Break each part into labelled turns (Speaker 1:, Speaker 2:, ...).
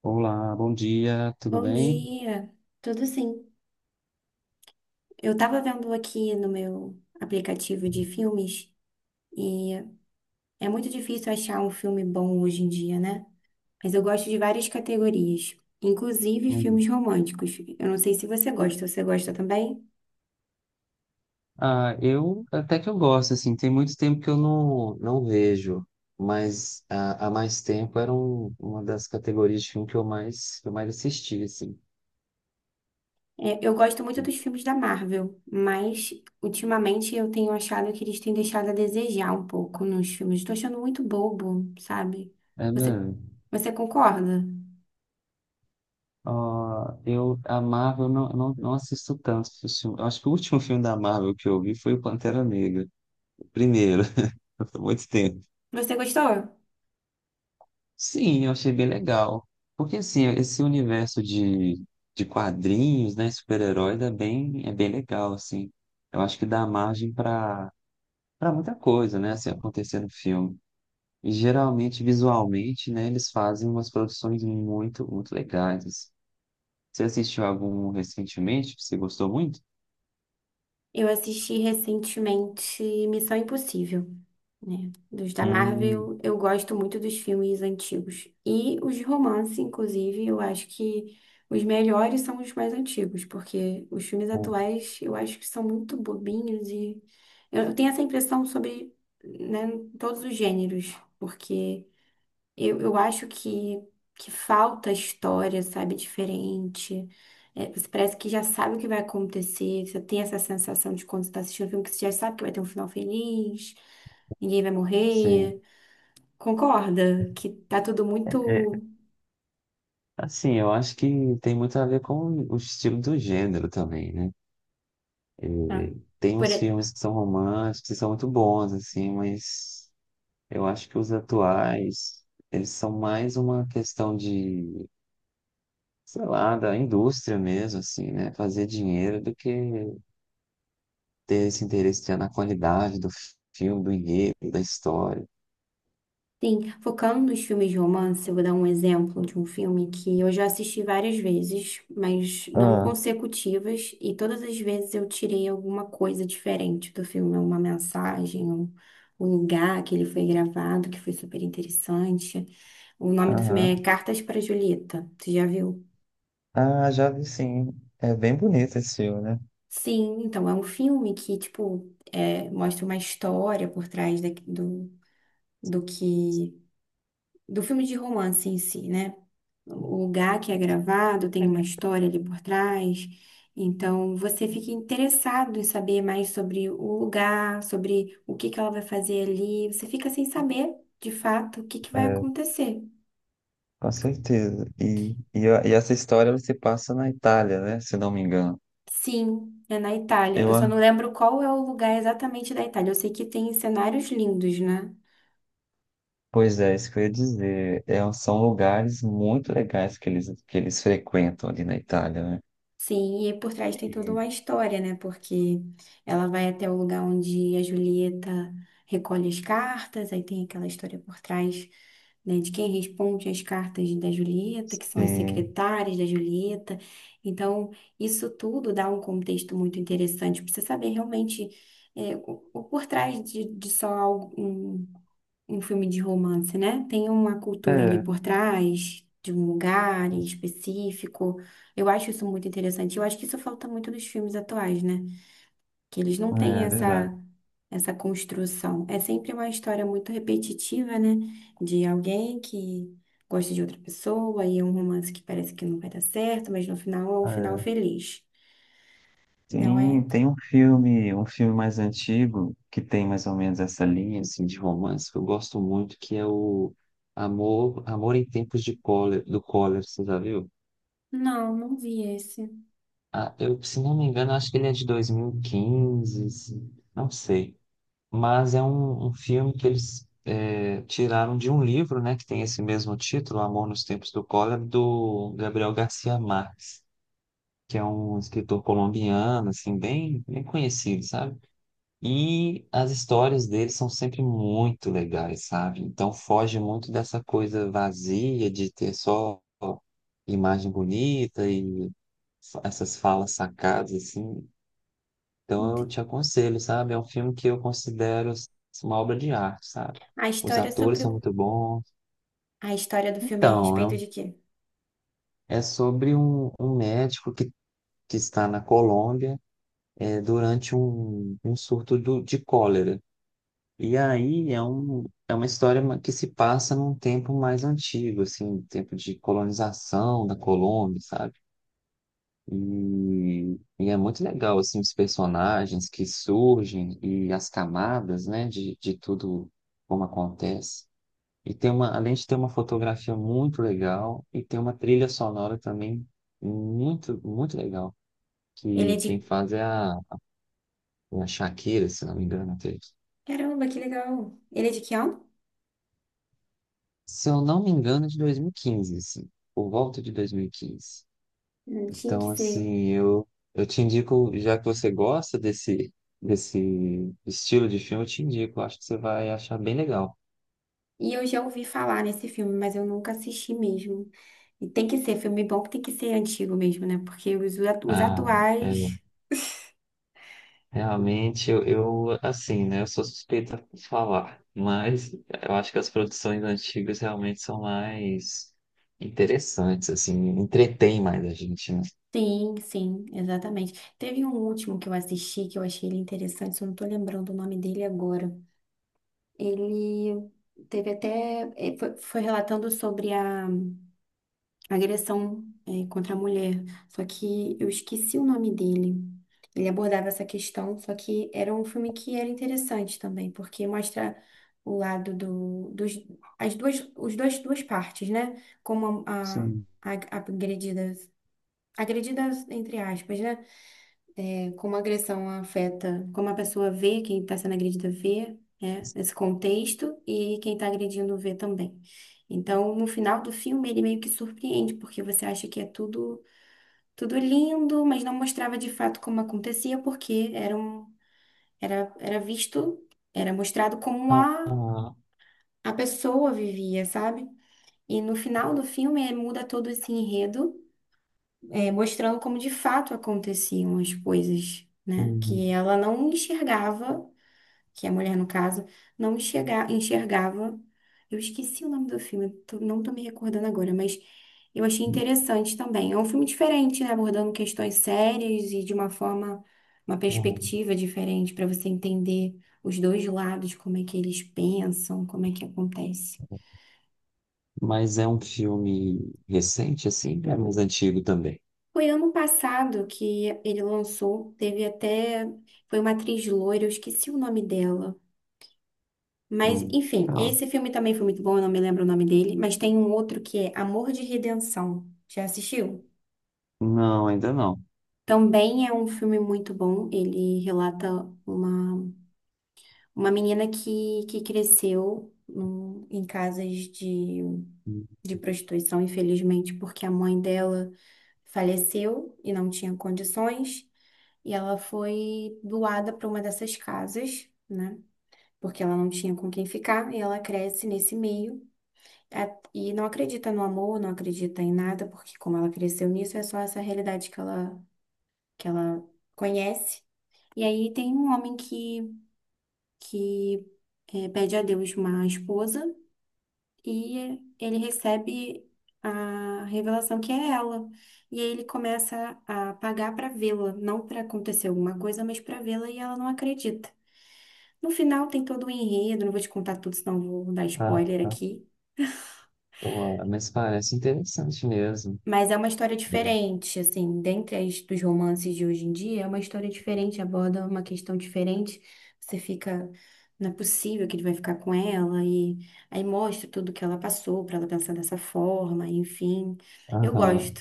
Speaker 1: Olá, bom dia, tudo
Speaker 2: Bom
Speaker 1: bem?
Speaker 2: dia, tudo sim. Eu tava vendo aqui no meu aplicativo de filmes e é muito difícil achar um filme bom hoje em dia, né? Mas eu gosto de várias categorias, inclusive
Speaker 1: Uhum.
Speaker 2: filmes românticos. Eu não sei se você gosta, você gosta também?
Speaker 1: Ah, eu até que eu gosto, assim, tem muito tempo que eu não vejo, mas ah, há mais tempo era uma das categorias de filme que eu mais assisti, assim.
Speaker 2: É, eu gosto muito dos filmes da Marvel, mas ultimamente eu tenho achado que eles têm deixado a desejar um pouco nos filmes. Estou achando muito bobo, sabe?
Speaker 1: É
Speaker 2: Você,
Speaker 1: mesmo?
Speaker 2: você concorda?
Speaker 1: Ah, eu, a Marvel, eu não assisto tanto filme. Eu acho que o último filme da Marvel que eu vi foi o Pantera Negra, o primeiro, foi muito tempo.
Speaker 2: Você gostou?
Speaker 1: Sim, eu achei bem legal. Porque assim, esse universo de quadrinhos, né, super-heróis é bem legal, assim. Eu acho que dá margem para para muita coisa, né, assim, acontecer no filme. E geralmente, visualmente, né, eles fazem umas produções muito, muito legais. Assim. Você assistiu algum recentemente que você gostou muito?
Speaker 2: Eu assisti recentemente Missão Impossível, né? Dos da
Speaker 1: Hum,
Speaker 2: Marvel, eu gosto muito dos filmes antigos. E os de romance, inclusive, eu acho que os melhores são os mais antigos, porque os filmes
Speaker 1: hum,
Speaker 2: atuais eu acho que são muito bobinhos e eu tenho essa impressão sobre, né, todos os gêneros, porque. Eu acho que falta história, sabe, diferente. É, você parece que já sabe o que vai acontecer. Você tem essa sensação de quando você está assistindo um filme que você já sabe que vai ter um final feliz, ninguém vai morrer.
Speaker 1: sim.
Speaker 2: Concorda que tá tudo
Speaker 1: É,
Speaker 2: muito.
Speaker 1: assim, eu acho que tem muito a ver com o estilo do gênero também, né?
Speaker 2: ah,
Speaker 1: E tem
Speaker 2: por-
Speaker 1: uns filmes que são românticos e são muito bons, assim, mas eu acho que os atuais, eles são mais uma questão de, sei lá, da indústria mesmo, assim, né? Fazer dinheiro do que ter esse interesse já na qualidade do filme, do enredo, da história.
Speaker 2: Sim, focando nos filmes de romance, eu vou dar um exemplo de um filme que eu já assisti várias vezes, mas não
Speaker 1: Ah,
Speaker 2: consecutivas, e todas as vezes eu tirei alguma coisa diferente do filme, uma mensagem, um lugar que ele foi gravado, que foi super interessante. O nome do filme
Speaker 1: aham.
Speaker 2: é Cartas para Julieta. Você já viu?
Speaker 1: Ah, já vi sim. É bem bonito esse filme, né?
Speaker 2: Sim, então é um filme que, tipo, é, mostra uma história por trás do do que do filme de romance em si, né? O lugar que é gravado tem uma história ali por trás, então você fica interessado em saber mais sobre o lugar, sobre o que que ela vai fazer ali, você fica sem saber, de fato, o que que vai
Speaker 1: É,
Speaker 2: acontecer.
Speaker 1: com certeza. E essa história ela se passa na Itália, né? Se não me engano.
Speaker 2: Sim, é na Itália. Eu
Speaker 1: Eu,
Speaker 2: só
Speaker 1: a-
Speaker 2: não lembro qual é o lugar exatamente da Itália. Eu sei que tem cenários lindos, né?
Speaker 1: Pois é, isso que eu ia dizer. É, um, são lugares muito legais que eles frequentam ali na Itália, né?
Speaker 2: Sim, e por trás tem toda
Speaker 1: E,
Speaker 2: uma história, né? Porque ela vai até o lugar onde a Julieta recolhe as cartas, aí tem aquela história por trás, né, de quem responde as cartas da Julieta, que são as
Speaker 1: sim,
Speaker 2: secretárias da Julieta. Então, isso tudo dá um contexto muito interessante para você saber realmente o por trás de só algo, um filme de romance, né? Tem uma
Speaker 1: é,
Speaker 2: cultura ali
Speaker 1: é
Speaker 2: por trás, de um lugar em específico. Eu acho isso muito interessante. Eu acho que isso falta muito nos filmes atuais, né? Que eles não têm
Speaker 1: é verdade.
Speaker 2: essa construção. É sempre uma história muito repetitiva, né? De alguém que gosta de outra pessoa e é um romance que parece que não vai dar certo, mas no final é um final
Speaker 1: É.
Speaker 2: feliz. Não
Speaker 1: Tem,
Speaker 2: é?
Speaker 1: tem um filme mais antigo que tem mais ou menos essa linha assim, de romance que eu gosto muito, que é o Amor, Amor em Tempos de Cólera, do Cólera, você já viu?
Speaker 2: Não, não vi esse.
Speaker 1: Ah, eu, se não me engano, acho que ele é de 2015, não sei. Mas é um, um filme que eles é, tiraram de um livro, né, que tem esse mesmo título, Amor nos Tempos do Cólera, do Gabriel Garcia Marques, que é um escritor colombiano, assim, bem, bem conhecido, sabe? E as histórias dele são sempre muito legais, sabe? Então foge muito dessa coisa vazia de ter só imagem bonita e essas falas sacadas, assim,
Speaker 2: Não
Speaker 1: então eu
Speaker 2: te-
Speaker 1: te aconselho, sabe? É um filme que eu considero assim, uma obra de arte, sabe?
Speaker 2: A
Speaker 1: Os
Speaker 2: história
Speaker 1: atores são muito bons.
Speaker 2: a história do filme é a
Speaker 1: Então, é,
Speaker 2: respeito de quê?
Speaker 1: é sobre um, um médico que está na Colômbia é, durante um, um surto de cólera. E aí é, um, é uma história que se passa num tempo mais antigo, assim, tempo de colonização da Colômbia, sabe? E é muito legal, assim, os personagens que surgem e as camadas, né, de tudo como acontece. E tem uma, além de ter uma fotografia muito legal, e tem uma trilha sonora também muito, muito legal,
Speaker 2: Ele
Speaker 1: que
Speaker 2: é
Speaker 1: quem
Speaker 2: de
Speaker 1: faz é a, é a Shakira, se não me engano, até.
Speaker 2: Caramba, que legal. Ele é de que ano?
Speaker 1: Se eu não me engano, é de 2015, assim, por volta de 2015.
Speaker 2: Não tinha que
Speaker 1: Então,
Speaker 2: ser.
Speaker 1: assim, eu te indico, já que você gosta desse, desse estilo de filme, eu te indico, eu acho que você vai achar bem legal.
Speaker 2: E eu já ouvi falar nesse filme, mas eu nunca assisti mesmo. E tem que ser filme bom que tem que ser antigo mesmo, né? Porque os
Speaker 1: Ah, é,
Speaker 2: atuais.
Speaker 1: realmente, eu, assim, né, eu sou suspeita por falar, mas eu acho que as produções antigas realmente são mais interessantes, assim, entretêm mais a gente, né?
Speaker 2: Sim, sim, exatamente. Teve um último que eu assisti que eu achei ele interessante, só não tô lembrando o nome dele agora. Ele teve até. Foi relatando sobre a agressão, é, contra a mulher. Só que eu esqueci o nome dele. Ele abordava essa questão, só que era um filme que era interessante também, porque mostra o lado dos, as duas, os dois, duas partes, né? Como
Speaker 1: Sim.
Speaker 2: a agredida, agredida entre aspas, né? Como a agressão afeta, como a pessoa vê, quem está sendo agredida vê, né, esse contexto e quem está agredindo vê também. Então, no final do filme, ele meio que surpreende, porque você acha que é tudo, tudo lindo, mas não mostrava de fato como acontecia, porque era visto, era mostrado como
Speaker 1: Ah, ah,
Speaker 2: a pessoa vivia, sabe? E no final do filme, é, muda todo esse enredo é, mostrando como de fato aconteciam as coisas, né?
Speaker 1: hum,
Speaker 2: Que ela não enxergava que é a mulher, no caso, não enxergava. Eu esqueci o nome do filme, não tô me recordando agora, mas eu achei interessante também. É um filme diferente, né? Abordando questões sérias e de uma forma, uma
Speaker 1: hum.
Speaker 2: perspectiva diferente para você entender os dois lados, como é que eles pensam, como é que acontece.
Speaker 1: Mas é um filme recente, assim, é mais antigo também.
Speaker 2: Foi ano passado que ele lançou, teve até, foi uma atriz loira, eu esqueci o nome dela. Mas,
Speaker 1: Hum.
Speaker 2: enfim, esse filme também foi muito bom, eu não me lembro o nome dele, mas tem um outro que é Amor de Redenção. Já assistiu?
Speaker 1: Não, ainda não.
Speaker 2: Também é um filme muito bom. Ele relata uma, uma menina que cresceu em casas de prostituição, infelizmente, porque a mãe dela faleceu e não tinha condições, e ela foi doada para uma dessas casas, né? Porque ela não tinha com quem ficar, e ela cresce nesse meio. É, e não acredita no amor, não acredita em nada, porque como ela cresceu nisso, é só essa realidade que ela conhece. E aí tem um homem que é, pede a Deus uma esposa e ele recebe a revelação que é ela. E aí ele começa a pagar para vê-la, não para acontecer alguma coisa, mas para vê-la e ela não acredita. No final tem todo o enredo, não vou te contar tudo, senão vou dar
Speaker 1: Ah,
Speaker 2: spoiler
Speaker 1: tá.
Speaker 2: aqui.
Speaker 1: Pô, mas parece interessante mesmo.
Speaker 2: Mas é uma história
Speaker 1: É.
Speaker 2: diferente, assim, dentre as dos romances de hoje em dia, é uma história diferente, aborda uma questão diferente. Você fica, não é possível que ele vai ficar com ela, e aí mostra tudo que ela passou para ela pensar dessa forma, enfim. Eu
Speaker 1: Aham.
Speaker 2: gosto.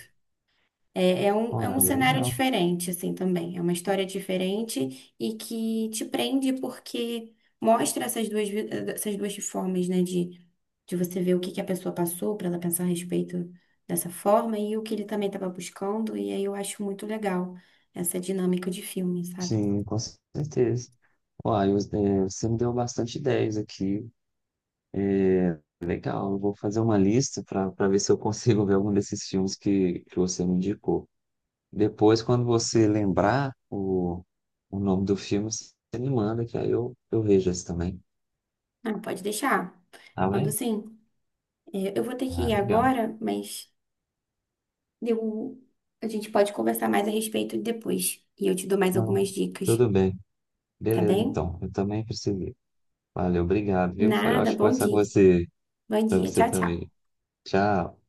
Speaker 2: É
Speaker 1: Ah,
Speaker 2: um cenário
Speaker 1: legal.
Speaker 2: diferente, assim, também. É uma história diferente e que te prende porque mostra essas duas, essas duas formas, né, de você ver o que que a pessoa passou para ela pensar a respeito dessa forma e o que ele também estava buscando. E aí eu acho muito legal essa dinâmica de filme, sabe?
Speaker 1: Sim, com certeza. Uai, é, você me deu bastante ideias aqui. É, legal, eu vou fazer uma lista para para ver se eu consigo ver algum desses filmes que você me indicou. Depois, quando você lembrar o nome do filme, você me manda, que aí eu vejo esse também.
Speaker 2: Ah, pode deixar.
Speaker 1: Tá
Speaker 2: Mando
Speaker 1: bem?
Speaker 2: sim. É, eu vou ter que
Speaker 1: Ah,
Speaker 2: ir
Speaker 1: legal.
Speaker 2: agora, mas eu, a gente pode conversar mais a respeito depois. E eu te dou mais
Speaker 1: Não,
Speaker 2: algumas dicas,
Speaker 1: tudo bem.
Speaker 2: tá
Speaker 1: Beleza,
Speaker 2: bem?
Speaker 1: então. Eu também preciso. Valeu, obrigado, viu? Foi
Speaker 2: Nada,
Speaker 1: ótimo
Speaker 2: bom
Speaker 1: conversar com
Speaker 2: dia.
Speaker 1: você.
Speaker 2: Bom
Speaker 1: Pra
Speaker 2: dia,
Speaker 1: você
Speaker 2: tchau, tchau.
Speaker 1: também. Tchau.